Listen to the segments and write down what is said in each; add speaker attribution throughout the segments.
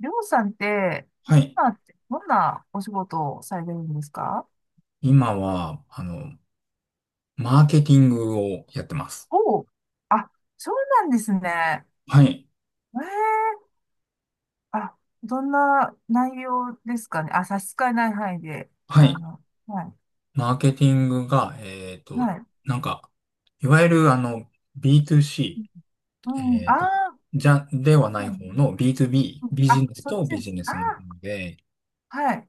Speaker 1: りょうさんって、
Speaker 2: はい。
Speaker 1: 今ってどんなお仕事をされてるんですか？
Speaker 2: 今は、マーケティングをやってます。
Speaker 1: おう、あ、そうなんですね。
Speaker 2: はい。
Speaker 1: ええ、あ、どんな内容ですかね。あ、差し支えない範囲で。
Speaker 2: はい。
Speaker 1: あの、はい、
Speaker 2: マーケティングが、
Speaker 1: はい。
Speaker 2: なんか、いわゆる、
Speaker 1: う
Speaker 2: B2C、え
Speaker 1: ん、あ
Speaker 2: っと、
Speaker 1: あ、
Speaker 2: ではない
Speaker 1: うん
Speaker 2: 方の
Speaker 1: う
Speaker 2: B2B、
Speaker 1: ん、
Speaker 2: ビ
Speaker 1: あ、
Speaker 2: ジネス
Speaker 1: そっ
Speaker 2: と
Speaker 1: ちで
Speaker 2: ビジ
Speaker 1: す。
Speaker 2: ネ
Speaker 1: あ
Speaker 2: スの方で、
Speaker 1: あ、はい、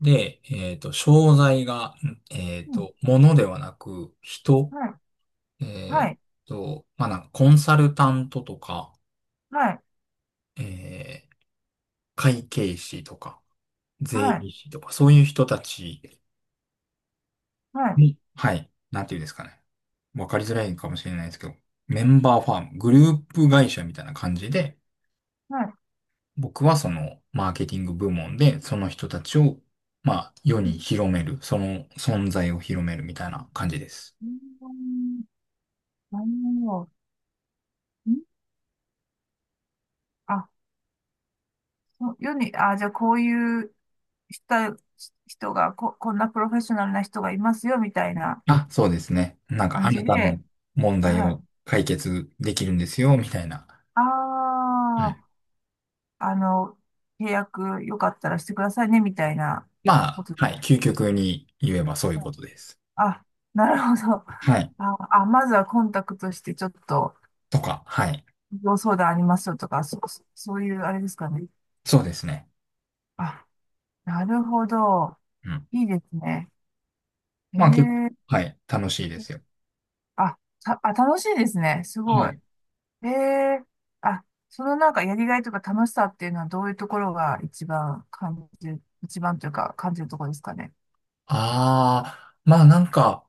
Speaker 2: で、商材が、
Speaker 1: うん、
Speaker 2: 物ではなく、人、
Speaker 1: はい、
Speaker 2: え
Speaker 1: は
Speaker 2: っ
Speaker 1: い、
Speaker 2: まあ、なんか、コンサルタントとか、
Speaker 1: はい、
Speaker 2: えー会計士とか、税
Speaker 1: はい、
Speaker 2: 理士とか、そういう人たち
Speaker 1: はい、
Speaker 2: に、はい、なんていうんですかね。わかりづらいかもしれないですけど、メンバーファーム、グループ会社みたいな感じで、
Speaker 1: はい。
Speaker 2: 僕はそのマーケティング部門で、その人たちを、まあ、世
Speaker 1: うん、
Speaker 2: に広める、その存在を広めるみたいな感じです。
Speaker 1: うん、なるほど。うん、あ、世に、あ、じゃあこういう人、人がこんなプロフェッショナルな人がいますよ、みたいな
Speaker 2: あ、そうですね。なんか、
Speaker 1: 感
Speaker 2: あ
Speaker 1: じ
Speaker 2: なたの
Speaker 1: で。
Speaker 2: 問題
Speaker 1: は
Speaker 2: を
Speaker 1: い。
Speaker 2: 解決できるんですよ、みたいな。
Speaker 1: あ
Speaker 2: うん。
Speaker 1: あ、あの、契約よかったらしてくださいね、みたいな
Speaker 2: ま
Speaker 1: こ
Speaker 2: あ、
Speaker 1: と。
Speaker 2: はい、究極に言えばそういうことです。
Speaker 1: あ、なるほど。
Speaker 2: はい。
Speaker 1: あ、あ、まずはコンタクトして、ちょっと、
Speaker 2: とか、はい。
Speaker 1: ご相談ありますよとか、そういうあれですかね。
Speaker 2: そうですね。
Speaker 1: あ、なるほど。
Speaker 2: うん。
Speaker 1: いいですね。
Speaker 2: まあ結構、
Speaker 1: ええ、
Speaker 2: はい、楽しいですよ。
Speaker 1: あ、あ、楽しいですね。す
Speaker 2: は
Speaker 1: ごい。
Speaker 2: い。
Speaker 1: へえ。あ、そのなんかやりがいとか楽しさっていうのはどういうところが一番感じる、一番というか感じるところですかね。
Speaker 2: ああ、まあなんか、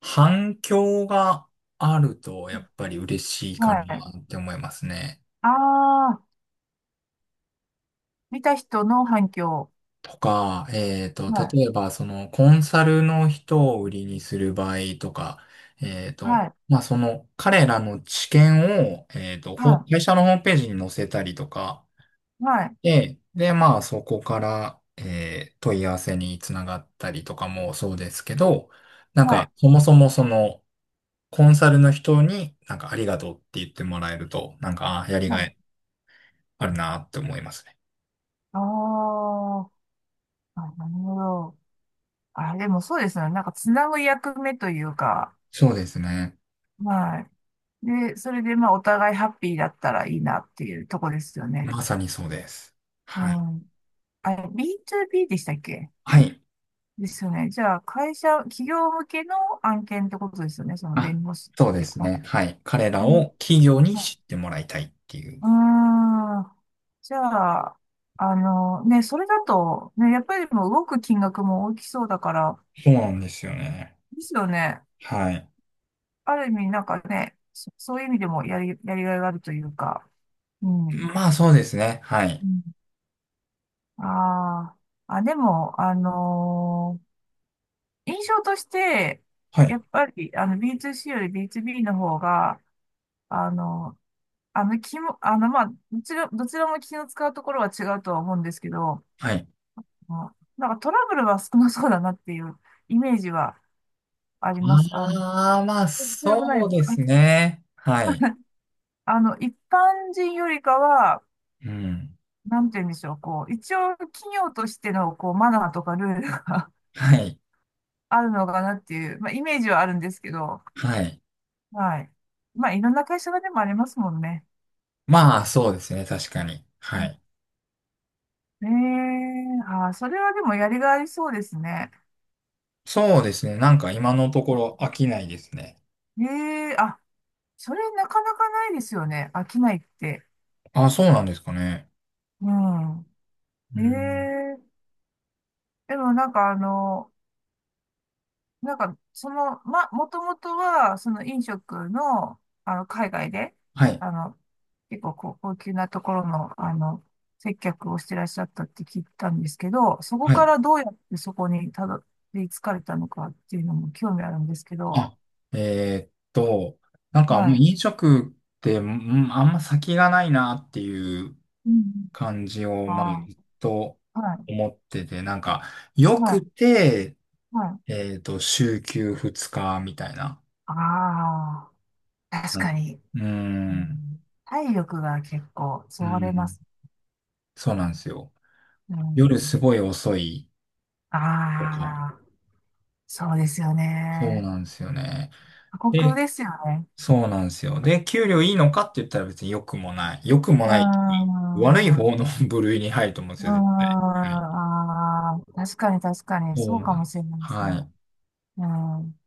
Speaker 2: 反響があると、やっぱり嬉しいかな
Speaker 1: はい。
Speaker 2: って思いますね。
Speaker 1: ああ、見た人の反響。
Speaker 2: とか、
Speaker 1: はい。
Speaker 2: 例えば、その、コンサルの人を売りにする場合とか、えっと、
Speaker 1: はい。
Speaker 2: まあその、彼らの知見を、
Speaker 1: は
Speaker 2: 会社のホームページに載せたりとか、
Speaker 1: い。はい。
Speaker 2: で、まあ、そこから、問い合わせにつながったりとかもそうですけど、なん
Speaker 1: は
Speaker 2: か、
Speaker 1: い。
Speaker 2: そもそもその、コンサルの人になんかありがとうって言ってもらえると、なんか、あ、やり
Speaker 1: は
Speaker 2: が
Speaker 1: い。
Speaker 2: いあるなって思いますね。
Speaker 1: あー、あ、なるほど。あ、でもそうですよね。なんかつなぐ役目というか。
Speaker 2: そうですね。
Speaker 1: はい。で、それでまあお互いハッピーだったらいいなっていうとこですよね。
Speaker 2: まさにそうです。
Speaker 1: う
Speaker 2: はい。
Speaker 1: ん。あれ、B2B でしたっけ？
Speaker 2: はい。
Speaker 1: ですよね。じゃあ、会社、企業向けの案件ってことですよね。その
Speaker 2: あ、
Speaker 1: 弁護士
Speaker 2: そう
Speaker 1: っ
Speaker 2: で
Speaker 1: て
Speaker 2: す
Speaker 1: こ
Speaker 2: ね。はい。彼ら
Speaker 1: う。うん、
Speaker 2: を企業に
Speaker 1: あ、
Speaker 2: 知ってもらいたいっていう。
Speaker 1: うーん、じゃあ、ね、それだと、ね、やっぱりもう動く金額も大きそうだから、
Speaker 2: そうなんですよね。
Speaker 1: ですよね。
Speaker 2: はい。
Speaker 1: ある意味、なんかね、そういう意味でもやりがいがあるというか。うん。
Speaker 2: まあ、そうですね。は
Speaker 1: う
Speaker 2: い。
Speaker 1: ん、ああ、あ、でも、印象として、
Speaker 2: は
Speaker 1: や
Speaker 2: い。
Speaker 1: っぱり、B2C より B2B の方が、あの気も、まあ、どちらも気の使うところは違うとは思うんですけど、
Speaker 2: はい。
Speaker 1: まあなんかトラブルは少なそうだなっていうイメージはあります。
Speaker 2: ああ、まあ、
Speaker 1: それもな
Speaker 2: そ
Speaker 1: い
Speaker 2: う
Speaker 1: です
Speaker 2: で
Speaker 1: か？はい。
Speaker 2: すね。はい。
Speaker 1: 一般人よりかは、
Speaker 2: うん。
Speaker 1: なんて言うんでしょう、こう、一応企業としての、こう、マナーとかルールが
Speaker 2: はい。
Speaker 1: あるのかなっていう、まあ、イメージはあるんですけど、
Speaker 2: はい。
Speaker 1: はい。まあ、いろんな会社がでもありますもんね。
Speaker 2: まあ、そうですね。確かに。はい。
Speaker 1: ねえ、あー、それはでもやりがいありそうですね。
Speaker 2: そうですね。なんか今のところ飽きないですね。
Speaker 1: ええ、あ、それなかなかないですよね。飽きないって。
Speaker 2: あ、そうなんですかね。
Speaker 1: う
Speaker 2: うん。
Speaker 1: ん。ええ、でもなんかなんかその、ま、もともとは、その飲食の、海外で、
Speaker 2: はい。
Speaker 1: あの、結構こう高級なところの、接客をしてらっしゃったって聞いたんですけど、そこ
Speaker 2: は
Speaker 1: か
Speaker 2: い。
Speaker 1: らどうやってそこにたどり着かれたのかっていうのも興味あるんですけど、
Speaker 2: あ、えーっと、なんかもう
Speaker 1: はい。
Speaker 2: 飲食って、うん、あんま先がないなっていう
Speaker 1: うん。
Speaker 2: 感じを、まあ、ず
Speaker 1: あ
Speaker 2: っと
Speaker 1: あ、はい、
Speaker 2: 思ってて、なんか、よ
Speaker 1: は
Speaker 2: く
Speaker 1: い、
Speaker 2: て、
Speaker 1: はい。
Speaker 2: 週休2日みたいな。
Speaker 1: ああ、確
Speaker 2: なる
Speaker 1: かに。
Speaker 2: うー
Speaker 1: う
Speaker 2: ん。
Speaker 1: ん、体力が結構
Speaker 2: う
Speaker 1: そがれま
Speaker 2: ん。
Speaker 1: す。
Speaker 2: そうなんですよ。
Speaker 1: う
Speaker 2: 夜
Speaker 1: ん、
Speaker 2: すごい遅い
Speaker 1: あ
Speaker 2: とか。
Speaker 1: あ、そうですよ
Speaker 2: そう
Speaker 1: ね。
Speaker 2: なんですよね。
Speaker 1: 過酷
Speaker 2: で、
Speaker 1: ですよね。
Speaker 2: そうなんですよ。で、給料いいのかって言ったら別に良くもない。良くも
Speaker 1: うー
Speaker 2: ないっていうか悪い
Speaker 1: ん。う
Speaker 2: 方の 部類に入ると思うんで
Speaker 1: ー
Speaker 2: す
Speaker 1: ん。
Speaker 2: よ、絶対。はい。
Speaker 1: ああ、確かに確かに、
Speaker 2: そ
Speaker 1: そう
Speaker 2: う
Speaker 1: か
Speaker 2: なん
Speaker 1: も
Speaker 2: で
Speaker 1: し
Speaker 2: す。
Speaker 1: れないです
Speaker 2: は
Speaker 1: ね。
Speaker 2: い。
Speaker 1: うん。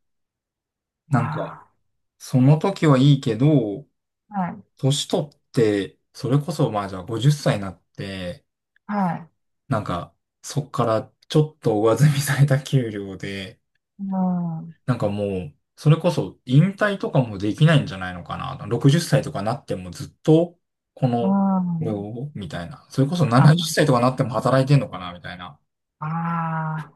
Speaker 2: なんか、
Speaker 1: あ
Speaker 2: その時はいいけど、
Speaker 1: あ、はい。
Speaker 2: 年取って、それこそまあじゃあ50歳になって、
Speaker 1: はい。
Speaker 2: なんか、そっからちょっと上積みされた給料で、
Speaker 1: うん。う
Speaker 2: なんかもう、それこそ引退とかもできないんじゃないのかな。60歳とかなってもずっと、これ
Speaker 1: ん。
Speaker 2: を、みたいな。それこそ。うん。
Speaker 1: あ、
Speaker 2: 70歳とかなっても働いてんのかな、みたいな。
Speaker 1: ああ、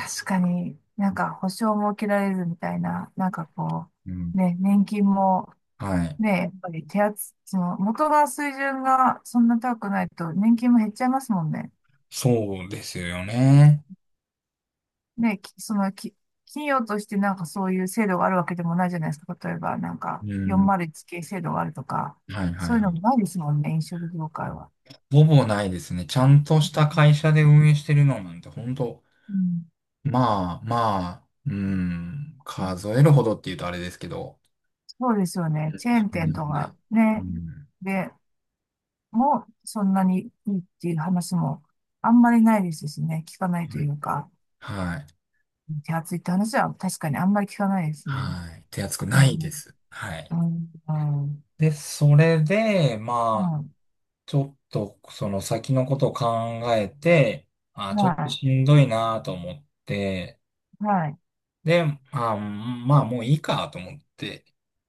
Speaker 1: 確かになんか保証も受けられるみたいな、なんかこ
Speaker 2: うん。
Speaker 1: う、ね、年金も
Speaker 2: はい。
Speaker 1: ね、やっぱりその元が水準がそんな高くないと年金も減っちゃいますもんね。
Speaker 2: そうですよね。
Speaker 1: ね、きそのき、企業としてなんかそういう制度があるわけでもないじゃないですか。例えばなんか
Speaker 2: うん。
Speaker 1: 401系制度があるとか、
Speaker 2: はいは
Speaker 1: そ
Speaker 2: い
Speaker 1: ういう
Speaker 2: は
Speaker 1: のも
Speaker 2: い。
Speaker 1: ないですもんね、飲食業界は。
Speaker 2: ほぼないですね。ちゃんとした会社で運営してるのなんて、ほんと、
Speaker 1: うん、
Speaker 2: まあまあ、うん、数えるほどって言うとあれですけど、
Speaker 1: そうですよね。チェー
Speaker 2: そ
Speaker 1: ン
Speaker 2: ん
Speaker 1: 店
Speaker 2: な
Speaker 1: と
Speaker 2: にない。
Speaker 1: か
Speaker 2: う
Speaker 1: ね、
Speaker 2: ん。
Speaker 1: でもそんなにいいっていう話もあんまりないですしね、聞かないと
Speaker 2: は
Speaker 1: いうか、
Speaker 2: い。はい。
Speaker 1: 手厚いって話は確かにあんまり聞かないですね。
Speaker 2: はい、手厚く
Speaker 1: う
Speaker 2: ないで
Speaker 1: ん
Speaker 2: す。はい。
Speaker 1: うん、う
Speaker 2: で、それで、まあ、
Speaker 1: ん、
Speaker 2: ちょっと、その先のことを考えて、あ、ちょっと
Speaker 1: は
Speaker 2: しんどいなと思って、
Speaker 1: い、はい、
Speaker 2: で、あ、まあ、もういいかと思って、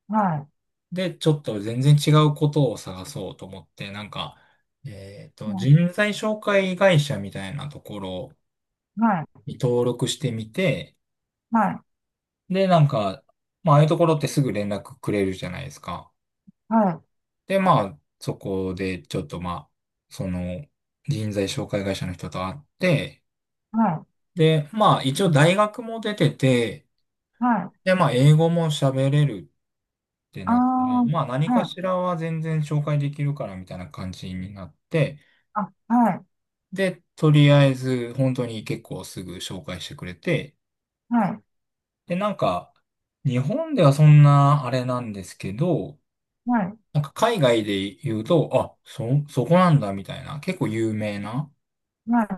Speaker 1: はい、
Speaker 2: で、ちょっと全然違うことを探そうと思って、なんか、人
Speaker 1: は
Speaker 2: 材紹介会社みたいなところ
Speaker 1: い、
Speaker 2: に登録してみて、
Speaker 1: はい、
Speaker 2: で、なんか、まあ、ああいうところってすぐ連絡くれるじゃないですか。
Speaker 1: はい、
Speaker 2: で、まあ、そこでちょっとまあ、その人材紹介会社の人と会って、
Speaker 1: はい、
Speaker 2: で、まあ一応大学も出てて、
Speaker 1: はい、は
Speaker 2: で、
Speaker 1: い、
Speaker 2: まあ英語も喋れるって
Speaker 1: あ
Speaker 2: なって、まあ何
Speaker 1: あ、は
Speaker 2: かし
Speaker 1: い、
Speaker 2: らは全然紹介できるからみたいな感じになって、
Speaker 1: あ、はい、
Speaker 2: で、とりあえず本当に結構すぐ紹介してくれて、
Speaker 1: はい、
Speaker 2: で、なんか日本ではそんなあれなんですけど、
Speaker 1: はい、
Speaker 2: なんか海外で言うと、あ、そこなんだみたいな、結構有名な、
Speaker 1: はい、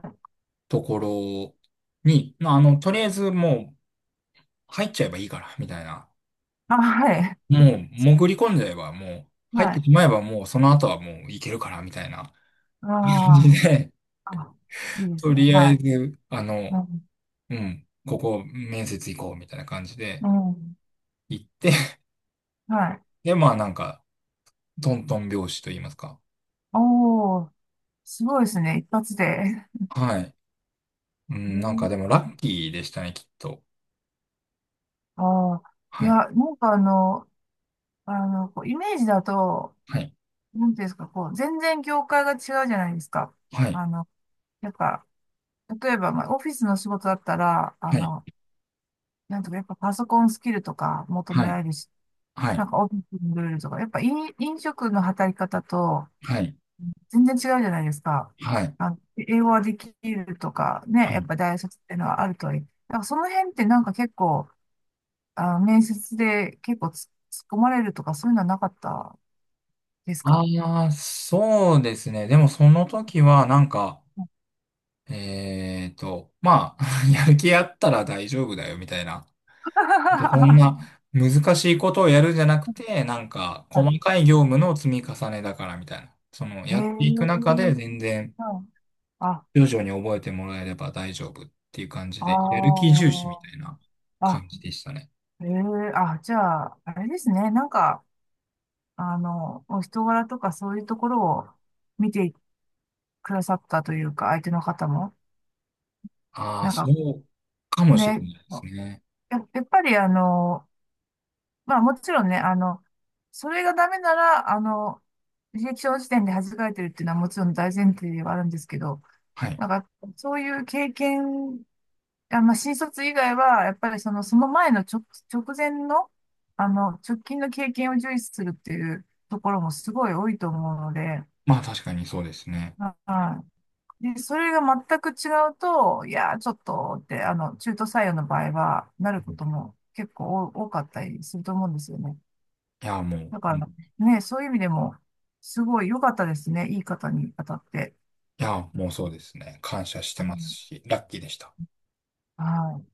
Speaker 2: ところに、まあ、とりあえずもう入っちゃえばいいから、みたいな。
Speaker 1: あ、はい、
Speaker 2: もう潜り込んじゃえば、もう
Speaker 1: は
Speaker 2: 入って
Speaker 1: い、
Speaker 2: しまえばもうその後はもういけるから、みたいな感
Speaker 1: あ
Speaker 2: じで、
Speaker 1: あ、あ、いい で
Speaker 2: と
Speaker 1: すね、
Speaker 2: りあ
Speaker 1: は
Speaker 2: え
Speaker 1: い、
Speaker 2: ず、
Speaker 1: うん、
Speaker 2: うん、ここ面接行こう、みたいな感じで
Speaker 1: うん、
Speaker 2: 行って、
Speaker 1: はい、
Speaker 2: で、まあなんか、トントン拍子と言いますか。
Speaker 1: おお、すごいですね、一発で。
Speaker 2: はい。うん、なんか
Speaker 1: ね、
Speaker 2: でもラッキーでしたね、きっと。
Speaker 1: ああ、い
Speaker 2: はい。
Speaker 1: や、なんかこうイメージだと、
Speaker 2: はい。
Speaker 1: なんていうんですか、こう、全然業界が違うじゃないですか。
Speaker 2: はい。
Speaker 1: あの、やっぱ、例えば、まあ、オフィスの仕事だったら、
Speaker 2: はい。
Speaker 1: なんとかやっぱパソコンスキルとか求め
Speaker 2: は
Speaker 1: ら
Speaker 2: い。
Speaker 1: れるし、
Speaker 2: は
Speaker 1: な
Speaker 2: い。
Speaker 1: んかオフィスのルールとか、やっぱ飲食の働き方と
Speaker 2: はい。
Speaker 1: 全然違うじゃないですか。
Speaker 2: はい。
Speaker 1: 英語はできるとか、
Speaker 2: は
Speaker 1: ね、やっ
Speaker 2: い。
Speaker 1: ぱ大卒っていうのはあるといい、なんかその辺ってなんか結構、面接で結構突っ込まれるとかそういうのはなかったですか？
Speaker 2: ああ、そうですね。でもその時はなんか、まあ、やる気あったら大丈夫だよみたいな。でそん
Speaker 1: は
Speaker 2: な難しいことをやるんじゃなくて、なんか細かい業務の積み重ねだからみたいな。その
Speaker 1: い。へえ、
Speaker 2: やっていく中で全然
Speaker 1: はい、あ、あ
Speaker 2: 徐々に覚えてもらえれば大丈夫っていう感じで、やる気重視み
Speaker 1: あ、
Speaker 2: たいな
Speaker 1: あ、
Speaker 2: 感じでしたね。
Speaker 1: ええ、あ、じゃあ、あれですね。なんか、お人柄とかそういうところを見てくださったというか、相手の方も。
Speaker 2: ああ、
Speaker 1: なん
Speaker 2: そ
Speaker 1: か
Speaker 2: うかもしれ
Speaker 1: ね、
Speaker 2: ないですね。
Speaker 1: やっぱりまあもちろんね、それがダメなら、履歴書の時点で弾かれてるっていうのはもちろん大前提ではあるんですけど、
Speaker 2: はい。
Speaker 1: なんか、そういう経験、あ、まあ、新卒以外は、やっぱりその、その前の直前の、直近の経験を重視するっていうところもすごい多いと思うので、
Speaker 2: まあ確かにそうですね。
Speaker 1: はい。で、それが全く違うと、いやー、ちょっとって、中途採用の場合は、な
Speaker 2: う
Speaker 1: るこ
Speaker 2: ん。
Speaker 1: とも結構多かったりすると思うんですよね。
Speaker 2: いや、も
Speaker 1: だから、
Speaker 2: う。
Speaker 1: ね、そういう意味でも、すごい良かったですね。いい方に当たって。
Speaker 2: いや、もうそうですね。感謝し
Speaker 1: う
Speaker 2: てます
Speaker 1: ん、
Speaker 2: し、ラッキーでした。
Speaker 1: はい。